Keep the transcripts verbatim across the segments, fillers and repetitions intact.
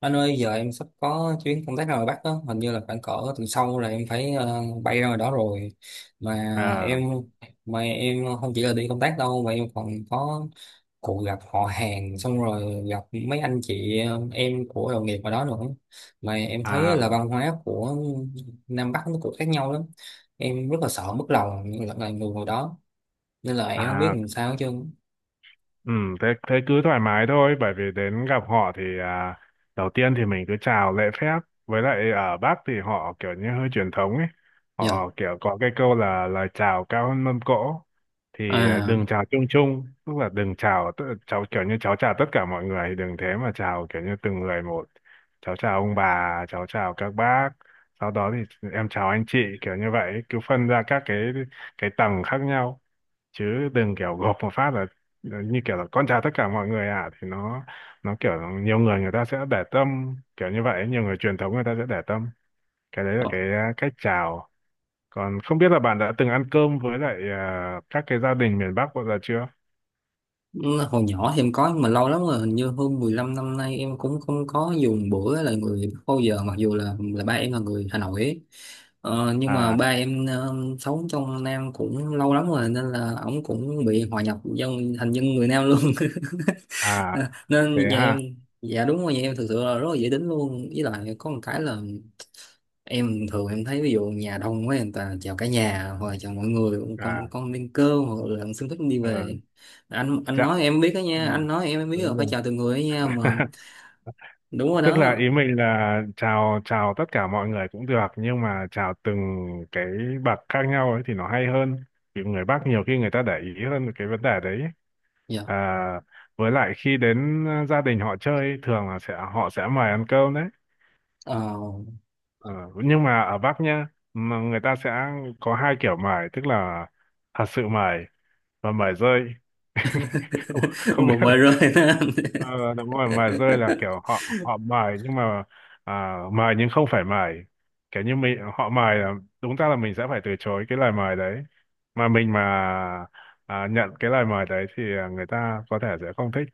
Anh ơi, giờ em sắp có chuyến công tác ra ngoài Bắc đó, hình như là khoảng cỡ tuần sau là em phải ờ, bay ra ngoài đó rồi mà. à em mà em không chỉ là đi công tác đâu mà em còn có cuộc gặp họ hàng, xong rồi gặp mấy anh chị ờ, em của đồng nghiệp ở đó nữa. Mà em thấy à là văn hóa của Nam Bắc nó cũng khác nhau lắm, em rất là sợ mất lòng những là người ngồi đó, nên là em không biết à làm sao. Chứ ừ thế thế cứ thoải mái thôi, bởi vì đến gặp họ thì à, đầu tiên thì mình cứ chào lễ phép. Với lại ở Bắc thì họ kiểu như hơi truyền thống ấy, dạ. họ kiểu có cái câu là lời chào cao hơn mâm cỗ, thì à, À, đừng chào chung chung, tức là đừng chào tự- cháu kiểu như cháu chào tất cả mọi người, đừng thế mà chào kiểu như từng người một. Cháu chào ông bà, cháu chào các bác, sau đó thì em chào anh chị, kiểu như vậy, cứ phân ra các cái cái tầng khác nhau, chứ đừng kiểu gộp một phát là là như kiểu là con chào tất cả mọi người à, thì nó nó kiểu nhiều người người ta sẽ để tâm kiểu như vậy, nhiều người truyền thống người ta sẽ để tâm cái đấy, là cái à, cách chào. Còn không biết là bạn đã từng ăn cơm với lại à, các cái gia đình miền Bắc bao giờ chưa? ừ, hồi nhỏ thì em có, nhưng mà lâu lắm rồi, hình như hơn mười lăm năm nay em cũng không có dùng bữa là người bao giờ, mặc dù là là ba em là người Hà Nội ấy. Ờ, nhưng mà à ba em ờ, sống trong Nam cũng lâu lắm rồi, nên là ổng cũng bị hòa nhập dân, thành dân người Nam luôn. à Thế Nên nhà em, ha? dạ đúng rồi, nhà em thực sự là rất là dễ tính luôn. Với lại có một cái là em thường em thấy ví dụ nhà đông quá, người ta chào cả nhà hoặc là chào mọi người, con à con lên cơm hoặc là con xin phép đi ờ về. Anh anh dạ. nói em biết đó Ừ, nha, anh nói em em biết đúng rồi, phải rồi. chào từng người đó nha mà. Đúng rồi Tức là đó. ý mình là chào chào tất cả mọi người cũng được, nhưng mà chào từng cái bậc khác nhau ấy thì nó hay hơn, vì người Bắc nhiều khi người ta để ý hơn cái vấn đề đấy. Dạ, à, với lại khi đến ờ, gia đình họ chơi ấy, thường là sẽ họ sẽ mời ăn cơm đấy. ờ. Ờ, nhưng mà ở Bắc nhá, mà người ta sẽ có hai kiểu mời, tức là thật sự mời, và mời rơi. Không, không biết. Một bài rơi đó anh. Ờ, đúng rồi, mài rơi là kiểu họ họ mài nhưng mà à, mài nhưng không phải mài, kiểu như mình họ mài là đúng ra là mình sẽ phải từ chối cái lời mời đấy, mà mình mà à, nhận cái lời mời đấy thì à, người ta có thể sẽ không thích.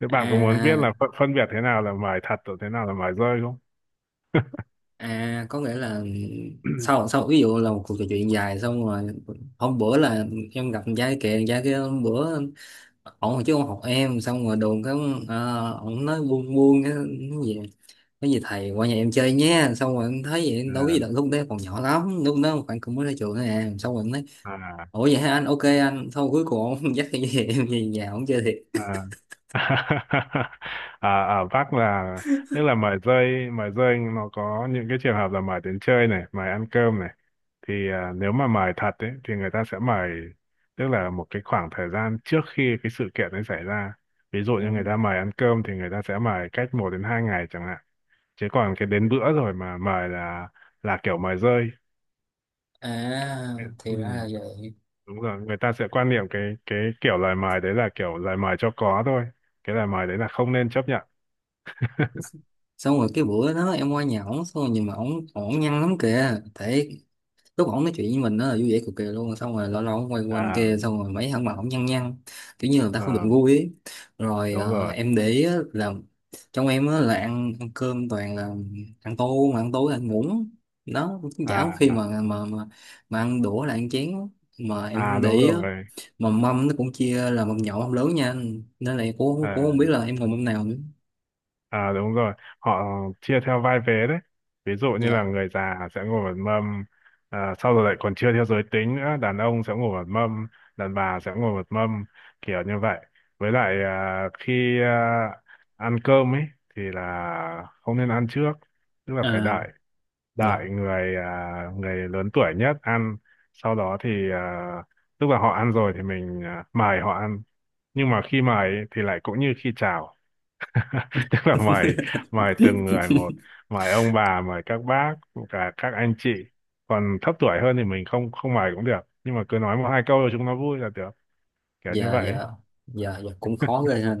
Thế bạn có muốn biết là À, phân, phân biệt thế nào là mài thật và thế nào là mài rơi không? à, có nghĩa là sau sau ví dụ là một cuộc trò chuyện dài xong rồi. Hôm bữa là em gặp con trai kìa, con trai kia hôm bữa ổng chứ không học em, xong rồi đồn cái, uh, ổng nói buông buông cái gì, cái gì thầy qua nhà em chơi nhé. Xong rồi em thấy vậy đâu có à, gì đâu, lúc đấy còn nhỏ lắm, lúc đó khoảng cũng mới ra trường thôi à. Xong rồi em nói à ủa vậy hả anh, ok anh. Xong cuối cùng ông dắt cái gì em về nhà ông chơi thiệt. à à, à vác là tức là mời rơi, mời rơi nó có những cái trường hợp là mời đến chơi này, mời ăn cơm này, thì à, nếu mà mời thật ấy thì người ta sẽ mời tức là một cái khoảng thời gian trước khi cái sự kiện ấy xảy ra. Ví dụ như người Ừ. ta mời ăn cơm thì người ta sẽ mời cách một đến hai ngày chẳng hạn, chứ còn cái đến bữa rồi mà mời là là kiểu mời rơi. À, Ừ, thì ra là vậy. đúng rồi, người ta sẽ quan niệm cái cái kiểu lời mời đấy là kiểu lời mời cho có thôi, cái lời mời đấy là không nên chấp nhận. Xong rồi cái bữa đó em qua nhà ổng, xong rồi nhìn mà ổng ổng nhăn lắm kìa. Thế lúc ổng nói chuyện với mình nó là vui vẻ cực kỳ luôn, xong rồi lâu lâu ổng quay quanh à kia, xong rồi mấy thằng mà ổng nhăn nhăn kiểu như là ta không được ờ, vui ấy. Rồi Đúng ờ, rồi. em để ý á là trong em á là ăn, ăn cơm toàn là ăn tô, mà ăn tối là ăn muỗng đó, cũng chả có khi à mà mà mà mà ăn đũa là ăn chén, mà em à không để Đúng ý á. rồi. Mà mâm nó cũng chia là mâm nhỏ mâm lớn nha, nên là em cũng, cũng à, không biết là em còn mâm nào nữa. À đúng rồi, họ chia theo vai vế đấy. Ví dụ như Dạ, là người già sẽ ngồi một mâm, à, sau rồi lại còn chia theo giới tính nữa, đàn ông sẽ ngồi một mâm, đàn bà sẽ ngồi một mâm, kiểu như vậy. Với lại à, khi à, ăn cơm ấy thì là không nên ăn trước, tức là phải à, đợi, dạ. đợi người à, người lớn tuổi nhất ăn, sau đó thì à, lúc mà họ ăn rồi thì mình à, mời họ ăn. Nhưng mà khi mời ấy, thì lại cũng như khi chào, tức là mời mời từng người một, mời ông bà, mời các bác, cả các anh chị, còn thấp tuổi hơn thì mình không không mời cũng được, nhưng mà cứ nói một hai câu rồi chúng nó vui là được, kiểu như Dạ vậy. dạ, dạ dạ cũng khó ghê ha.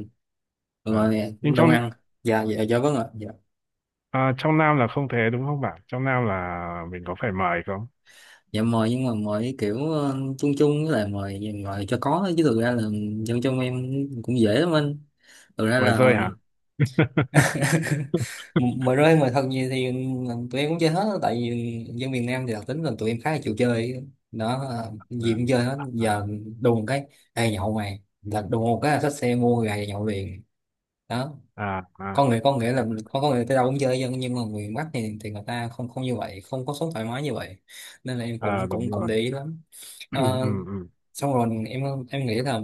à. Rồi Nhưng đông trong ăn. Dạ dạ dạ, vâng ạ, dạ. à, trong Nam là không thế đúng không bạn, trong Nam là mình có phải mời không? Dạ, mời nhưng mà mời kiểu ờ, chung chung, với lại mời mời cho có, chứ thực ra là dân trong em cũng dễ lắm anh, thực ra Mời rơi là. hả? Mời rơi, mời thật nhiều thì ờ, tụi em cũng chơi hết. Tại vì dân miền Nam thì đặc tính là tụi em khá là chịu chơi đó, ờ, gì cũng chơi hết à. giờ. Đùng cái, ê nhậu mày, là đùng một cái là xách xe mua gà nhậu liền đó. à à Con người con Nghĩa là con có người tới đâu cũng chơi dân, nhưng mà người Bắc thì thì người ta không không như vậy, không có sống thoải mái như vậy, nên là em à, cũng cũng Đúng cũng rồi. để ý lắm. ừ, Ờ, ừ, xong rồi em, em nghĩ là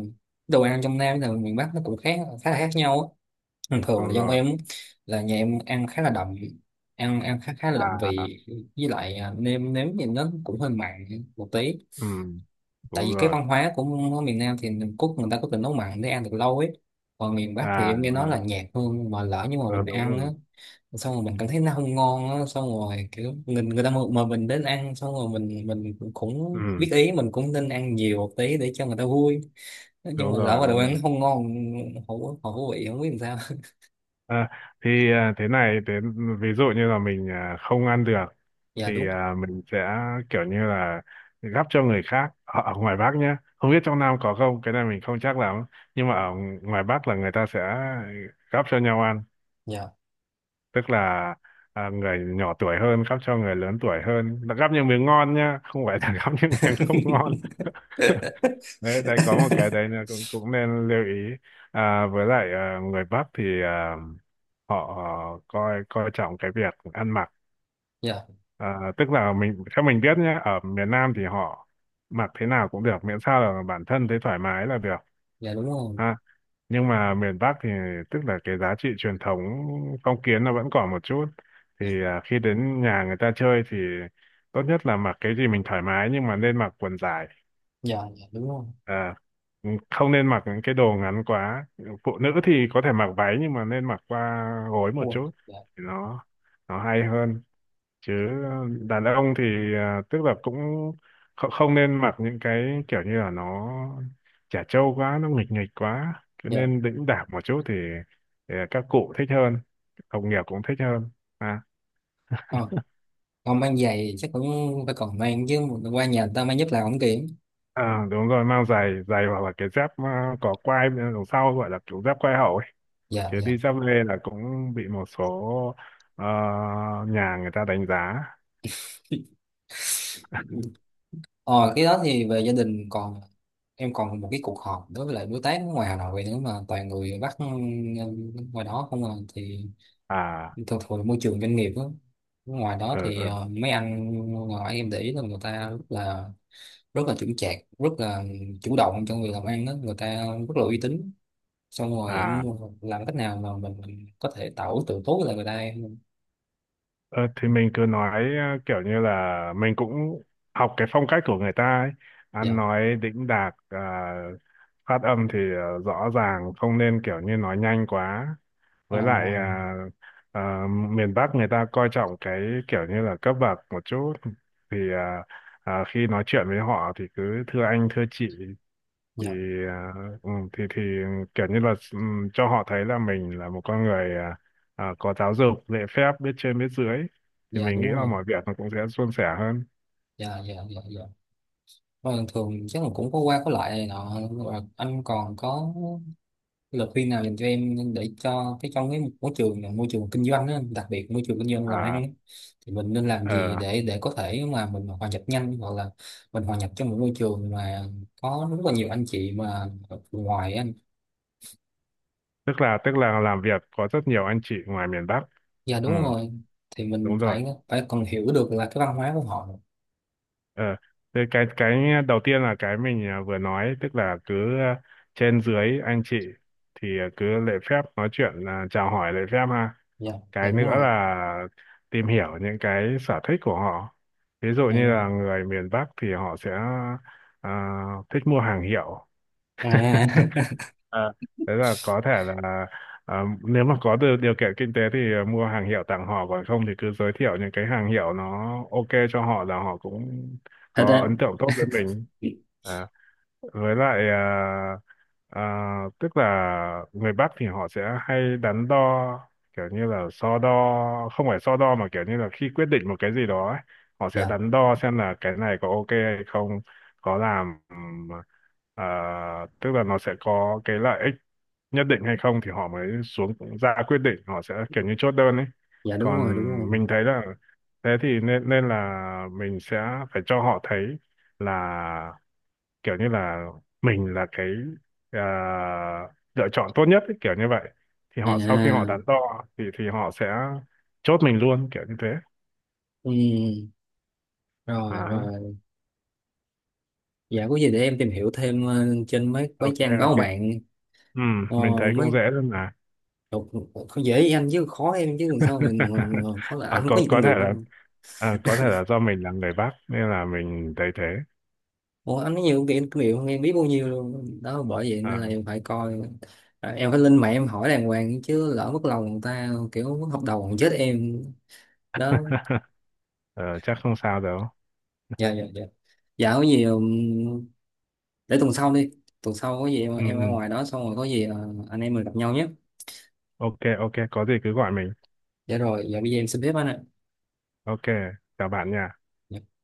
đồ ăn trong Nam và miền Bắc nó cũng khác khá là khác nhau á. Thường thường Đúng là dân rồi. em á, là nhà em ăn khá là đậm, ăn ăn khá khá là đậm à vị. Với lại à, nêm nếm thì nó cũng hơi mặn một tí, ừ, tại Đúng vì cái rồi. văn hóa của miền Nam thì mình cốt người ta có tình nấu mặn để ăn được lâu ấy. Còn miền Bắc thì à em nghe nói ừ, là nhạt hơn, mà lỡ nhưng mà ờ, mình Đúng ăn á, rồi. xong rồi mình cảm thấy nó không ngon á. Xong rồi kiểu người, người ta mà, mà mình đến ăn, xong rồi mình mình cũng Ừ, biết ý, mình cũng nên ăn nhiều một tí để cho người ta vui. Nhưng đúng mà lỡ rồi mà đồ đúng ăn rồi. nó không ngon, hổ hổ vị không biết làm sao. à, thì à, thế này, thế ví dụ như là mình à, không ăn được Dạ thì đúng. à, mình sẽ kiểu như là gắp cho người khác ở, ở ngoài Bắc nhé, không biết trong Nam có không, cái này mình không chắc lắm, nhưng mà ở ngoài Bắc là người ta sẽ gắp cho nhau ăn, Dạ. tức là à, người nhỏ tuổi hơn gắp cho người lớn tuổi hơn. Là gắp những miếng ngon nhá, không phải là gắp những miếng không ngon. Đấy, đây có một cái đấy là cũng cũng nên lưu ý. À, với lại à, người Bắc thì à, họ coi coi trọng cái việc ăn mặc, Dạ à, tức là mình theo mình biết nhé, ở miền Nam thì họ mặc thế nào cũng được miễn sao là bản thân thấy thoải mái là được, dạ đúng rồi. ha. Nhưng mà miền Bắc thì tức là cái giá trị truyền thống phong kiến nó vẫn còn một chút, Dạ thì à, khi đến nhà người ta chơi thì tốt nhất là mặc cái gì mình thoải mái, nhưng mà nên mặc quần dài. dạ dạ đúng rồi. à, ừ, Không nên mặc những cái đồ ngắn quá, phụ nữ thì có thể mặc váy nhưng mà nên mặc qua gối Đúng một rồi. chút Dạ thì nó nó hay hơn. Chứ ờ, đàn ông thì à, tức là cũng không, không nên mặc những cái kiểu như là nó chả trâu quá, nó nghịch nghịch quá, cứ dạ. nên đĩnh đạc một chút thì, thì các cụ thích hơn, đồng nghiệp cũng thích hơn. à, Ờ, không mang giày chắc cũng phải, còn mang chứ, qua nhà người ta mang giúp làm không kiện. à, Đúng rồi, mang giày, giày hoặc là cái dép à, có quai bên đằng sau gọi là kiểu dép quai hậu ấy, Dạ chứ dạ. đi dép lê là cũng bị một số ờ, nhà người ta đánh giá. Ờ, cái đó thì về gia đình. Còn em còn một cái cuộc họp đối với lại đối tác nước ngoài Hà Nội nữa, mà toàn người Bắc ừ, ngoài đó không à. Thì à thường thường môi trường doanh nghiệp đó. Ngoài đó ừ, thì ừ. ờ, mấy anh ngoài em để ý là người ta rất là rất là chững chạc, rất là chủ động trong việc làm ăn đó, người ta rất là uy tín. Xong rồi em à làm cách nào mà mình mình có thể tạo ấn tượng tốt với lại người ta em. Ờ, thì mình cứ nói ờ, kiểu như là mình cũng học cái phong cách của người ta ấy. Ăn Dạ. nói đĩnh đạc, à, phát âm thì ờ, rõ ràng, không nên kiểu như nói nhanh quá. Ờ, Với lại à, à, miền Bắc người ta coi trọng cái kiểu như là cấp bậc một chút, thì à, à, khi nói chuyện với họ thì cứ thưa anh thưa chị, thì dạ. à, ừ, thì thì kiểu như là, ừ, cho họ thấy là mình là một con người à, à, có giáo dục, lễ phép, biết trên biết dưới, thì Dạ mình nghĩ đúng là rồi. mọi việc nó cũng sẽ suôn sẻ hơn. Dạ dạ dạ dạ. Vâng, thường chắc là cũng có qua có lại này nọ. Và anh còn có lời khuyên nào dành cho em để cho cái trong cái môi trường là môi trường kinh doanh á, đặc biệt môi trường kinh doanh làm ăn á, à thì mình nên làm gì ờ, để để có thể mà mình hòa nhập nhanh, hoặc là mình hòa nhập trong một môi trường mà có rất là nhiều anh chị mà ở ngoài á anh. Tức là tức là làm việc có rất nhiều anh chị ngoài miền Bắc. Dạ Ừ, đúng rồi. Thì mình đúng rồi. phải phải còn hiểu được là cái văn hóa của họ. Ờ, thế cái cái đầu tiên là cái mình à, vừa nói, tức là cứ à, trên dưới anh chị, thì à, cứ lễ phép nói chuyện, à, chào hỏi lễ phép, ha. Dạ dạ Cái đúng nữa rồi, là tìm hiểu những cái sở thích của họ. Ví dụ em như ơi. là người miền Bắc thì họ sẽ à, thích mua hàng hiệu. À, Thế là có thể là à, nếu mà có được điều kiện kinh tế thì à, mua hàng hiệu tặng họ, còn không thì cứ giới thiệu những cái hàng hiệu nó ok cho họ, là họ cũng thật có ra ấn tượng tốt với mình. À, với lại à, à, tức là người Bắc thì họ sẽ hay đắn đo, kiểu như là so đo không phải so đo mà kiểu như là khi quyết định một cái gì đó ấy, họ sẽ dạ đắn đo xem là cái này có ok hay không, có làm ừm, à, tức là nó sẽ có cái lợi ích nhất định hay không, thì họ mới xuống ra quyết định, họ sẽ kiểu như chốt đơn ấy. dạ đúng Còn rồi đúng rồi. mình thấy là thế thì nên nên là mình sẽ phải cho họ thấy là kiểu như là mình là cái à, lựa chọn tốt nhất ấy, kiểu như vậy, thì họ sau khi họ À, đắn đo thì thì họ sẽ chốt mình luôn, kiểu như thế. ừ. Rồi à rồi. Dạ, có gì để em tìm hiểu thêm ờ, trên mấy mấy ok, trang báo ok. mạng. Ừ, Ờ, mình thấy mấy cũng dễ luôn mà. đọc- không, dễ với anh chứ khó em chứ, làm sao mình, mình, mình khó là Ờ, anh có có nhiều kinh có thể nghiệm là không. à, có thể là do mình là người Bắc nên là mình thấy thế. Ủa, anh có nhiều kinh kinh nghiệm không em biết bao nhiêu luôn đó, bởi vậy nên À. là em phải coi. À, em phải lên mạng em hỏi đàng hoàng, chứ lỡ mất lòng người ta kiểu mất hợp đồng còn chết em đó. Ờ, chắc không sao đâu. Dạ dạ dạ dạ. có gì ừm, để tuần sau đi. Tuần sau có gì em Ừ, em ở ừ. ngoài đó, xong rồi có gì ờ, anh em mình gặp nhau nhé. Ok, ok, có gì cứ gọi mình. Dạ rồi, dạ bây giờ em xin phép anh ạ. Ok, chào bạn nha. Dạ.